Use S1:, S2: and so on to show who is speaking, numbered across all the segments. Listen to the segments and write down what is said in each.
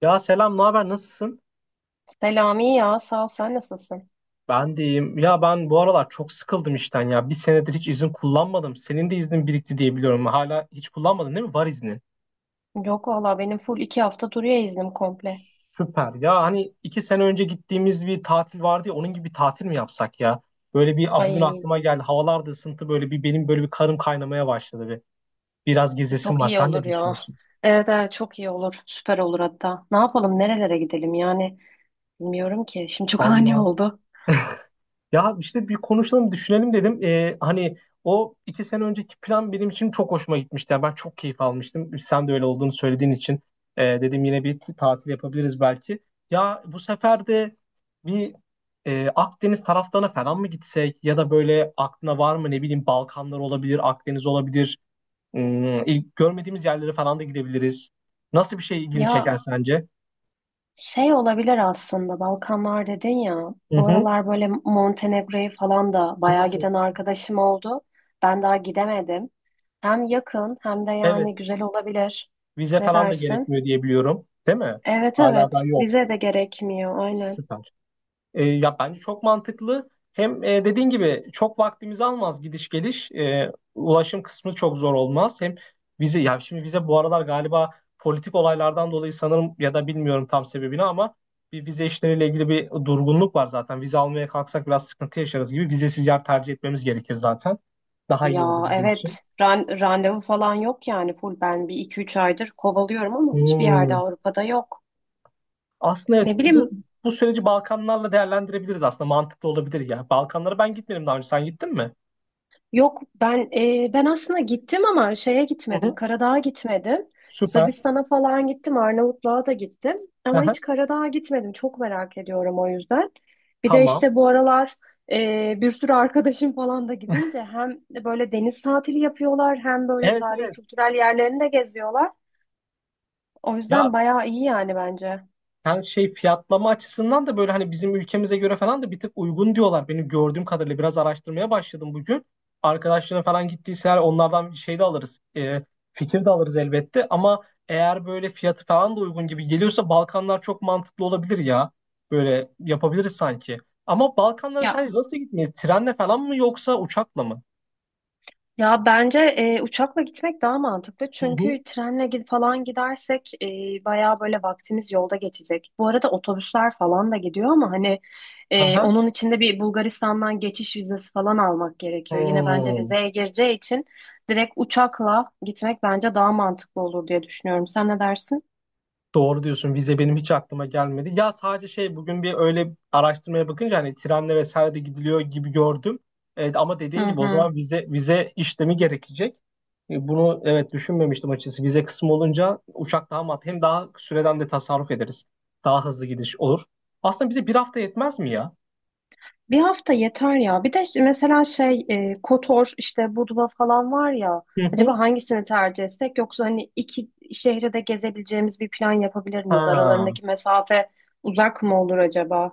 S1: Ya selam, ne haber? Nasılsın?
S2: Selami, ya sağ ol sen nasılsın?
S1: Ben de iyiyim. Ya ben bu aralar çok sıkıldım işten ya. Bir senedir hiç izin kullanmadım. Senin de iznin birikti diye biliyorum. Hala hiç kullanmadın değil mi? Var iznin.
S2: Yok valla benim full iki hafta duruyor iznim komple.
S1: Süper. Ya hani 2 sene önce gittiğimiz bir tatil vardı ya. Onun gibi bir tatil mi yapsak ya? Böyle bir Aa, bugün
S2: Ay
S1: aklıma geldi. Havalar da ısıntı böyle bir benim böyle bir karım kaynamaya başladı bir. Biraz gezesim
S2: çok
S1: var.
S2: iyi
S1: Sen ne
S2: olur ya.
S1: düşünüyorsun?
S2: Evet, evet çok iyi olur. Süper olur hatta. Ne yapalım, nerelere gidelim yani bilmiyorum ki. Şimdi çok ani
S1: Vallahi.
S2: oldu.
S1: Ya işte bir konuşalım, düşünelim dedim. Hani o 2 sene önceki plan benim için çok hoşuma gitmişti. Yani ben çok keyif almıştım. Sen de öyle olduğunu söylediğin için dedim yine bir tatil yapabiliriz belki. Ya bu sefer de bir Akdeniz taraflarına falan mı gitsek ya da böyle aklına var mı ne bileyim Balkanlar olabilir, Akdeniz olabilir. Hmm, ilk görmediğimiz yerlere falan da gidebiliriz. Nasıl bir şey ilgini
S2: Ya
S1: çeker sence?
S2: şey olabilir aslında, Balkanlar dedin ya.
S1: Hı
S2: Bu
S1: hı.
S2: aralar böyle Montenegro'yu falan da bayağı
S1: Hmm,
S2: giden arkadaşım oldu. Ben daha gidemedim. Hem yakın hem de yani
S1: evet,
S2: güzel olabilir.
S1: vize
S2: Ne
S1: falan da
S2: dersin?
S1: gerekmiyor diye biliyorum, değil mi?
S2: Evet,
S1: Hala daha
S2: evet
S1: yok.
S2: vize de gerekmiyor aynen.
S1: Süper. Ya bence çok mantıklı. Hem dediğin gibi çok vaktimizi almaz gidiş geliş. Ulaşım kısmı çok zor olmaz. Hem vize ya şimdi vize bu aralar galiba politik olaylardan dolayı sanırım ya da bilmiyorum tam sebebini ama bir vize işleriyle ilgili bir durgunluk var zaten. Vize almaya kalksak biraz sıkıntı yaşarız gibi. Vizesiz yer tercih etmemiz gerekir zaten. Daha iyi olur
S2: Ya
S1: bizim için.
S2: evet, randevu falan yok, yani full ben bir iki üç aydır kovalıyorum ama hiçbir yerde
S1: Hmm.
S2: Avrupa'da yok.
S1: Aslında evet,
S2: Ne
S1: bu,
S2: bileyim,
S1: bu süreci Balkanlarla değerlendirebiliriz aslında. Mantıklı olabilir ya. Balkanlara ben gitmedim daha önce. Sen gittin mi?
S2: yok ben ben aslında gittim ama şeye
S1: Hı
S2: gitmedim,
S1: hı.
S2: Karadağ'a gitmedim.
S1: Süper.
S2: Sırbistan'a falan gittim, Arnavutluğa da gittim ama
S1: Hı.
S2: hiç Karadağ'a gitmedim, çok merak ediyorum o yüzden. Bir de
S1: Tamam.
S2: işte bu aralar bir sürü arkadaşım falan da gidince hem böyle deniz tatili yapıyorlar hem böyle
S1: Evet,
S2: tarihi
S1: evet.
S2: kültürel yerlerini de geziyorlar. O
S1: Ya
S2: yüzden bayağı iyi yani bence.
S1: ben şey fiyatlama açısından da böyle hani bizim ülkemize göre falan da bir tık uygun diyorlar. Benim gördüğüm kadarıyla biraz araştırmaya başladım bugün. Arkadaşların falan gittiyse eğer onlardan bir şey de alırız. Fikir de alırız elbette. Ama eğer böyle fiyatı falan da uygun gibi geliyorsa Balkanlar çok mantıklı olabilir ya. Böyle yapabiliriz sanki. Ama Balkanlara
S2: Ya
S1: sadece nasıl gitmeyiz? Trenle falan mı yoksa uçakla mı?
S2: ya bence uçakla gitmek daha mantıklı.
S1: Hı hı.
S2: Çünkü trenle gidersek bayağı böyle vaktimiz yolda geçecek. Bu arada otobüsler falan da gidiyor ama hani
S1: Aha.
S2: onun içinde bir Bulgaristan'dan geçiş vizesi falan almak gerekiyor. Yine bence
S1: Hmm.
S2: vizeye gireceği için direkt uçakla gitmek bence daha mantıklı olur diye düşünüyorum. Sen ne dersin?
S1: Doğru diyorsun. Vize benim hiç aklıma gelmedi. Ya sadece şey bugün bir öyle araştırmaya bakınca hani trenle vesaire de gidiliyor gibi gördüm. Evet, ama
S2: Hı
S1: dediğin gibi o
S2: hı.
S1: zaman vize işlemi gerekecek. Bunu evet düşünmemiştim açıkçası. Vize kısmı olunca uçak daha mat hem daha süreden de tasarruf ederiz. Daha hızlı gidiş olur. Aslında bize bir hafta yetmez mi ya?
S2: Bir hafta yeter ya. Bir de işte mesela şey Kotor işte Budva falan var ya.
S1: Hı hı.
S2: Acaba hangisini tercih etsek, yoksa hani iki şehri de gezebileceğimiz bir plan yapabilir miyiz?
S1: Ha.
S2: Aralarındaki mesafe uzak mı olur acaba?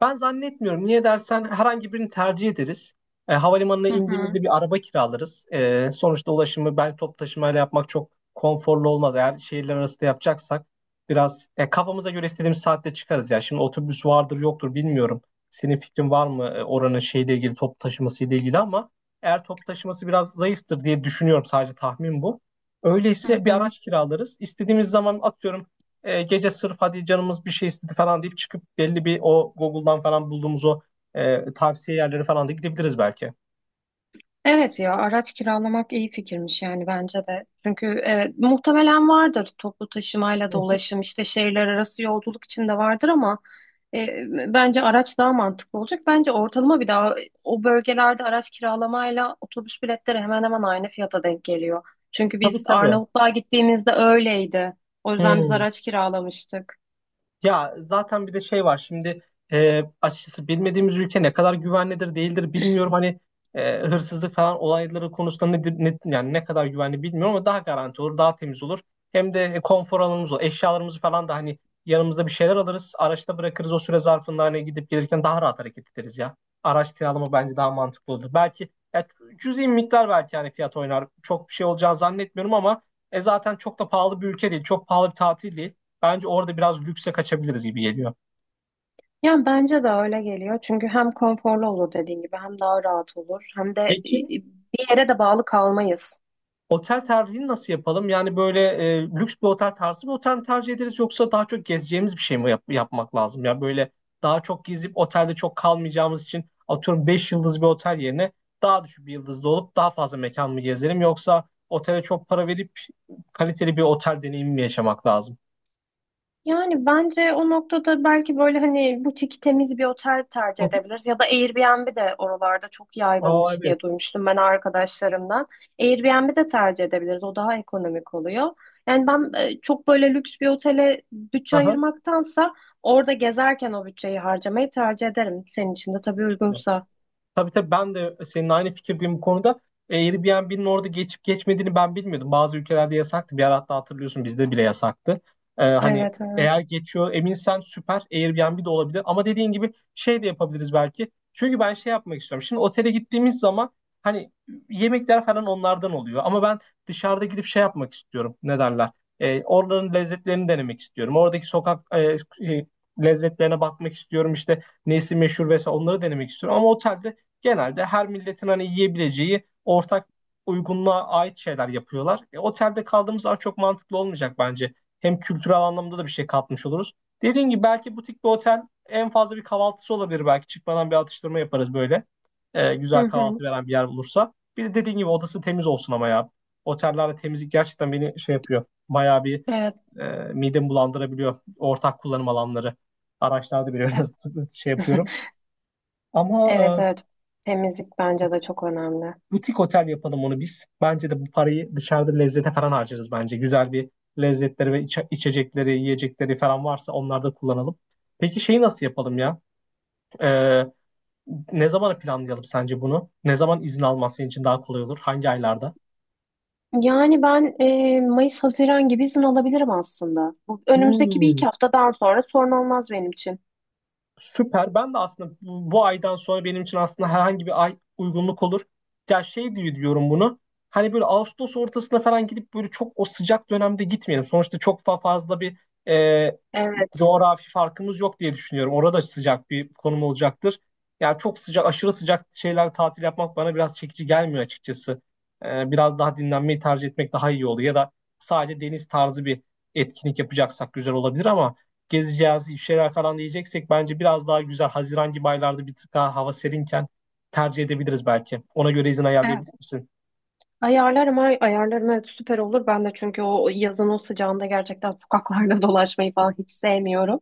S1: Ben zannetmiyorum. Niye dersen herhangi birini tercih ederiz. Havalimanına
S2: Hı hı.
S1: indiğimizde bir araba kiralarız. Sonuçta ulaşımı belki toplu taşımayla yapmak çok konforlu olmaz. Eğer şehirler arası da yapacaksak biraz kafamıza göre istediğimiz saatte çıkarız ya. Şimdi otobüs vardır yoktur bilmiyorum. Senin fikrin var mı oranın şeyle ilgili toplu taşıması ile ilgili ama eğer toplu taşıması biraz zayıftır diye düşünüyorum sadece tahmin bu.
S2: Hı
S1: Öyleyse bir
S2: hı.
S1: araç kiralarız. İstediğimiz zaman atıyorum gece sırf hadi canımız bir şey istedi falan deyip çıkıp belli bir o Google'dan falan bulduğumuz o tavsiye yerleri falan da gidebiliriz belki.
S2: Evet, ya araç kiralamak iyi fikirmiş yani bence de. Çünkü evet, muhtemelen vardır toplu taşımayla
S1: Hı
S2: da
S1: hı.
S2: ulaşım işte şehirler arası yolculuk için de vardır ama bence araç daha mantıklı olacak. Bence ortalama bir daha o bölgelerde araç kiralamayla otobüs biletleri hemen hemen aynı fiyata denk geliyor. Çünkü
S1: Tabii,
S2: biz
S1: tabii.
S2: Arnavutluğa gittiğimizde öyleydi. O yüzden biz
S1: Hmm.
S2: araç kiralamıştık.
S1: Ya zaten bir de şey var şimdi açıkçası bilmediğimiz ülke ne kadar güvenlidir değildir bilmiyorum hani hırsızlık falan olayları konusunda nedir ne, yani ne kadar güvenli bilmiyorum ama daha garanti olur daha temiz olur hem de konfor alanımız olur eşyalarımızı falan da hani yanımızda bir şeyler alırız araçta bırakırız o süre zarfında hani gidip gelirken daha rahat hareket ederiz ya, araç kiralama bence daha mantıklı olur belki ya, cüzi bir miktar belki hani fiyat oynar çok bir şey olacağını zannetmiyorum ama zaten çok da pahalı bir ülke değil, çok pahalı bir tatil değil. Bence orada biraz lükse kaçabiliriz gibi geliyor.
S2: Yani bence de öyle geliyor. Çünkü hem konforlu olur dediğin gibi, hem daha rahat olur, hem de
S1: Peki
S2: bir yere de bağlı kalmayız.
S1: otel tercihini nasıl yapalım? Yani böyle lüks bir otel tarzı bir otel mi tercih ederiz yoksa daha çok gezeceğimiz bir şey mi yapmak lazım? Ya böyle daha çok gezip otelde çok kalmayacağımız için atıyorum 5 yıldız bir otel yerine daha düşük bir yıldızlı olup daha fazla mekan mı gezelim yoksa otele çok para verip kaliteli bir otel deneyimi mi yaşamak lazım?
S2: Yani bence o noktada belki böyle hani butik temiz bir otel tercih edebiliriz ya da Airbnb de oralarda çok
S1: Aa,
S2: yaygınmış
S1: evet.
S2: diye duymuştum ben arkadaşlarımdan. Airbnb de tercih edebiliriz. O daha ekonomik oluyor. Yani ben çok böyle lüks bir otele bütçe
S1: Aha.
S2: ayırmaktansa orada gezerken o bütçeyi harcamayı tercih ederim. Senin için de tabii
S1: Kesinlikle.
S2: uygunsa.
S1: Tabii, tabii ben de senin aynı fikirdeyim bu konuda. Airbnb'nin orada geçip geçmediğini ben bilmiyordum. Bazı ülkelerde yasaktı. Bir ara hatta hatırlıyorsun bizde bile yasaktı. Hani
S2: Evet,
S1: eğer
S2: evet.
S1: geçiyor eminsen süper, Airbnb de olabilir. Ama dediğin gibi şey de yapabiliriz belki. Çünkü ben şey yapmak istiyorum. Şimdi otele gittiğimiz zaman hani yemekler falan onlardan oluyor. Ama ben dışarıda gidip şey yapmak istiyorum. Ne derler? Oraların lezzetlerini denemek istiyorum. Oradaki sokak e, lezzetlerine bakmak istiyorum. İşte nesi meşhur vesaire onları denemek istiyorum. Ama otelde genelde her milletin hani yiyebileceği ortak uygunluğa ait şeyler yapıyorlar. Otelde kaldığımız zaman çok mantıklı olmayacak bence. Hem kültürel anlamda da bir şey katmış oluruz. Dediğim gibi belki butik bir otel en fazla bir kahvaltısı olabilir belki. Çıkmadan bir atıştırma yaparız böyle. E,
S2: Hı
S1: güzel
S2: hı.
S1: kahvaltı veren bir yer olursa. Bir de dediğim gibi odası temiz olsun ama ya. Otellerde temizlik gerçekten beni şey yapıyor. Bayağı bir
S2: Evet.
S1: e, midemi bulandırabiliyor. Ortak kullanım alanları. Araçlarda
S2: E-
S1: biraz şey yapıyorum. Ama
S2: Evet,
S1: e,
S2: evet. Temizlik bence de çok önemli.
S1: Butik otel yapalım onu biz. Bence de bu parayı dışarıda lezzete falan harcarız bence. Güzel bir lezzetleri ve içecekleri, yiyecekleri falan varsa onları da kullanalım. Peki şeyi nasıl yapalım ya? Ee, ne zamana planlayalım sence bunu? Ne zaman izin alman senin için daha kolay olur? Hangi aylarda?
S2: Yani ben Mayıs-Haziran gibi izin alabilirim aslında. Bu önümüzdeki bir
S1: Hmm.
S2: iki haftadan sonra sorun olmaz benim için.
S1: Süper. Ben de aslında bu aydan sonra benim için aslında herhangi bir ay uygunluk olur. Ya şey diye diyorum bunu. Hani böyle Ağustos ortasına falan gidip böyle çok o sıcak dönemde gitmeyelim. Sonuçta çok fazla bir e,
S2: Evet.
S1: coğrafi farkımız yok diye düşünüyorum. Orada sıcak bir konum olacaktır. Yani çok sıcak, aşırı sıcak şeyler tatil yapmak bana biraz çekici gelmiyor açıkçası. Biraz daha dinlenmeyi tercih etmek daha iyi olur. Ya da sadece deniz tarzı bir etkinlik yapacaksak güzel olabilir ama gezeceğiz, bir şeyler falan diyeceksek bence biraz daha güzel Haziran gibi aylarda bir tık daha hava serinken tercih edebiliriz belki. Ona göre izin
S2: Evet.
S1: ayarlayabilir misin?
S2: Ayarlarım, ayarlarım, evet süper olur. Ben de çünkü o yazın o sıcağında gerçekten sokaklarda dolaşmayı falan hiç sevmiyorum.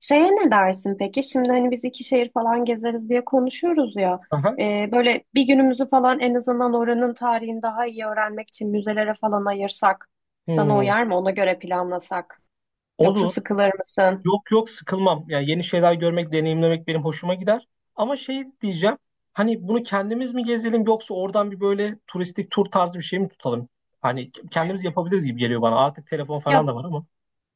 S2: Şeye ne dersin peki? Şimdi hani biz iki şehir falan gezeriz diye konuşuyoruz ya.
S1: Aha.
S2: Böyle bir günümüzü falan en azından oranın tarihini daha iyi öğrenmek için müzelere falan ayırsak. Sana
S1: Hmm.
S2: uyar mı? Ona göre planlasak. Yoksa
S1: Olur.
S2: sıkılır mısın?
S1: Yok, yok, sıkılmam. Yani yeni şeyler görmek, deneyimlemek benim hoşuma gider. Ama şey diyeceğim. Hani bunu kendimiz mi gezelim yoksa oradan bir böyle turistik tur tarzı bir şey mi tutalım? Hani kendimiz yapabiliriz gibi geliyor bana. Artık telefon falan
S2: Ya
S1: da var ama.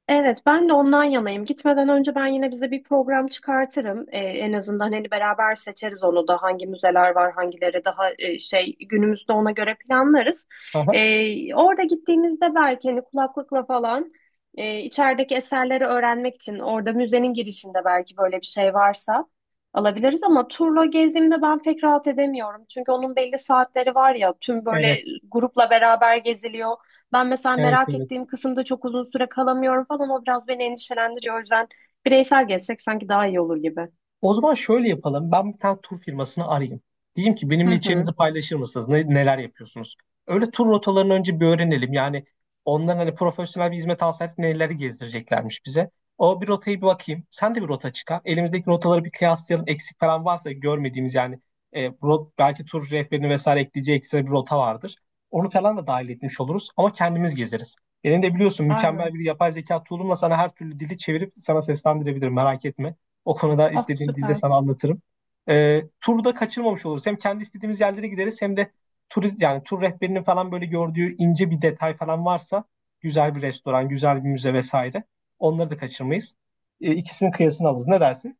S2: Evet, ben de ondan yanayım. Gitmeden önce ben yine bize bir program çıkartırım. En azından hani beraber seçeriz, onu da hangi müzeler var, hangileri daha şey günümüzde ona göre planlarız.
S1: Aha,
S2: Orada gittiğimizde belki hani kulaklıkla falan içerideki eserleri öğrenmek için orada müzenin girişinde belki böyle bir şey varsa alabiliriz ama turla gezdiğimde ben pek rahat edemiyorum. Çünkü onun belli saatleri var ya, tüm böyle
S1: evet,
S2: grupla beraber geziliyor. Ben mesela
S1: evet,
S2: merak
S1: evet.
S2: ettiğim kısımda çok uzun süre kalamıyorum falan. O biraz beni endişelendiriyor. O yüzden bireysel gezsek sanki daha iyi olur gibi.
S1: O zaman şöyle yapalım. Ben bir tane tur firmasını arayayım. Diyeyim ki
S2: Hı
S1: benimle içeriğinizi
S2: hı.
S1: paylaşır mısınız? Neler yapıyorsunuz? Öyle tur rotalarını önce bir öğrenelim. Yani onların hani profesyonel bir hizmet alsaydık neleri gezdireceklermiş bize. O bir rotayı bir bakayım. Sen de bir rota çıkar. Elimizdeki rotaları bir kıyaslayalım. Eksik falan varsa görmediğimiz yani belki tur rehberini vesaire ekleyeceği ekstra bir rota vardır. Onu falan da dahil etmiş oluruz ama kendimiz gezeriz. Benim de biliyorsun mükemmel
S2: Aynen.
S1: bir yapay zeka tool'umla sana her türlü dili çevirip sana seslendirebilirim merak etme. O konuda
S2: Ah
S1: istediğim dilde
S2: süper.
S1: sana anlatırım. Turda kaçırmamış oluruz. Hem kendi istediğimiz yerlere gideriz hem de turist yani tur rehberinin falan böyle gördüğü ince bir detay falan varsa güzel bir restoran, güzel bir müze vesaire. Onları da kaçırmayız. İkisinin kıyasını alırız. Ne dersin?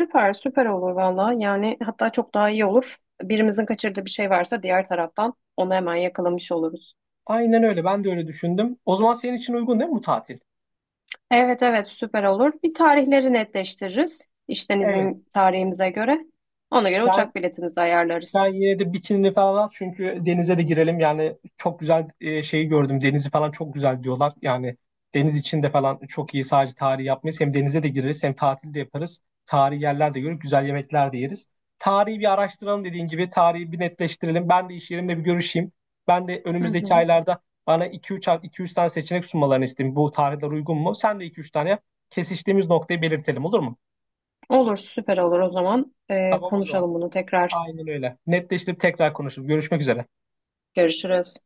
S2: Süper, süper olur valla. Yani hatta çok daha iyi olur. Birimizin kaçırdığı bir şey varsa diğer taraftan onu hemen yakalamış oluruz.
S1: Aynen öyle. Ben de öyle düşündüm. O zaman senin için uygun değil mi bu tatil?
S2: Evet, evet süper olur. Bir tarihleri netleştiririz. İşten
S1: Evet.
S2: izin tarihimize göre. Ona göre
S1: Sen
S2: uçak biletimizi ayarlarız.
S1: Sen yine de bikinini falan al çünkü denize de girelim. Yani çok güzel şeyi gördüm. Denizi falan çok güzel diyorlar. Yani deniz içinde falan çok iyi sadece tarihi yapmayız. Hem denize de gireriz hem tatil de yaparız. Tarihi yerler de görüp güzel yemekler de yeriz. Tarihi bir araştıralım dediğin gibi. Tarihi bir netleştirelim. Ben de iş yerimle bir görüşeyim. Ben de
S2: Hı
S1: önümüzdeki
S2: hı.
S1: aylarda bana iki üç tane seçenek sunmalarını isteyeyim. Bu tarihler uygun mu? Sen de iki üç tane yap. Kesiştiğimiz noktayı belirtelim olur mu?
S2: Olur, süper olur o zaman.
S1: Tamam o zaman.
S2: Konuşalım bunu tekrar.
S1: Aynen öyle. Netleştirip tekrar konuşuruz. Görüşmek üzere.
S2: Görüşürüz.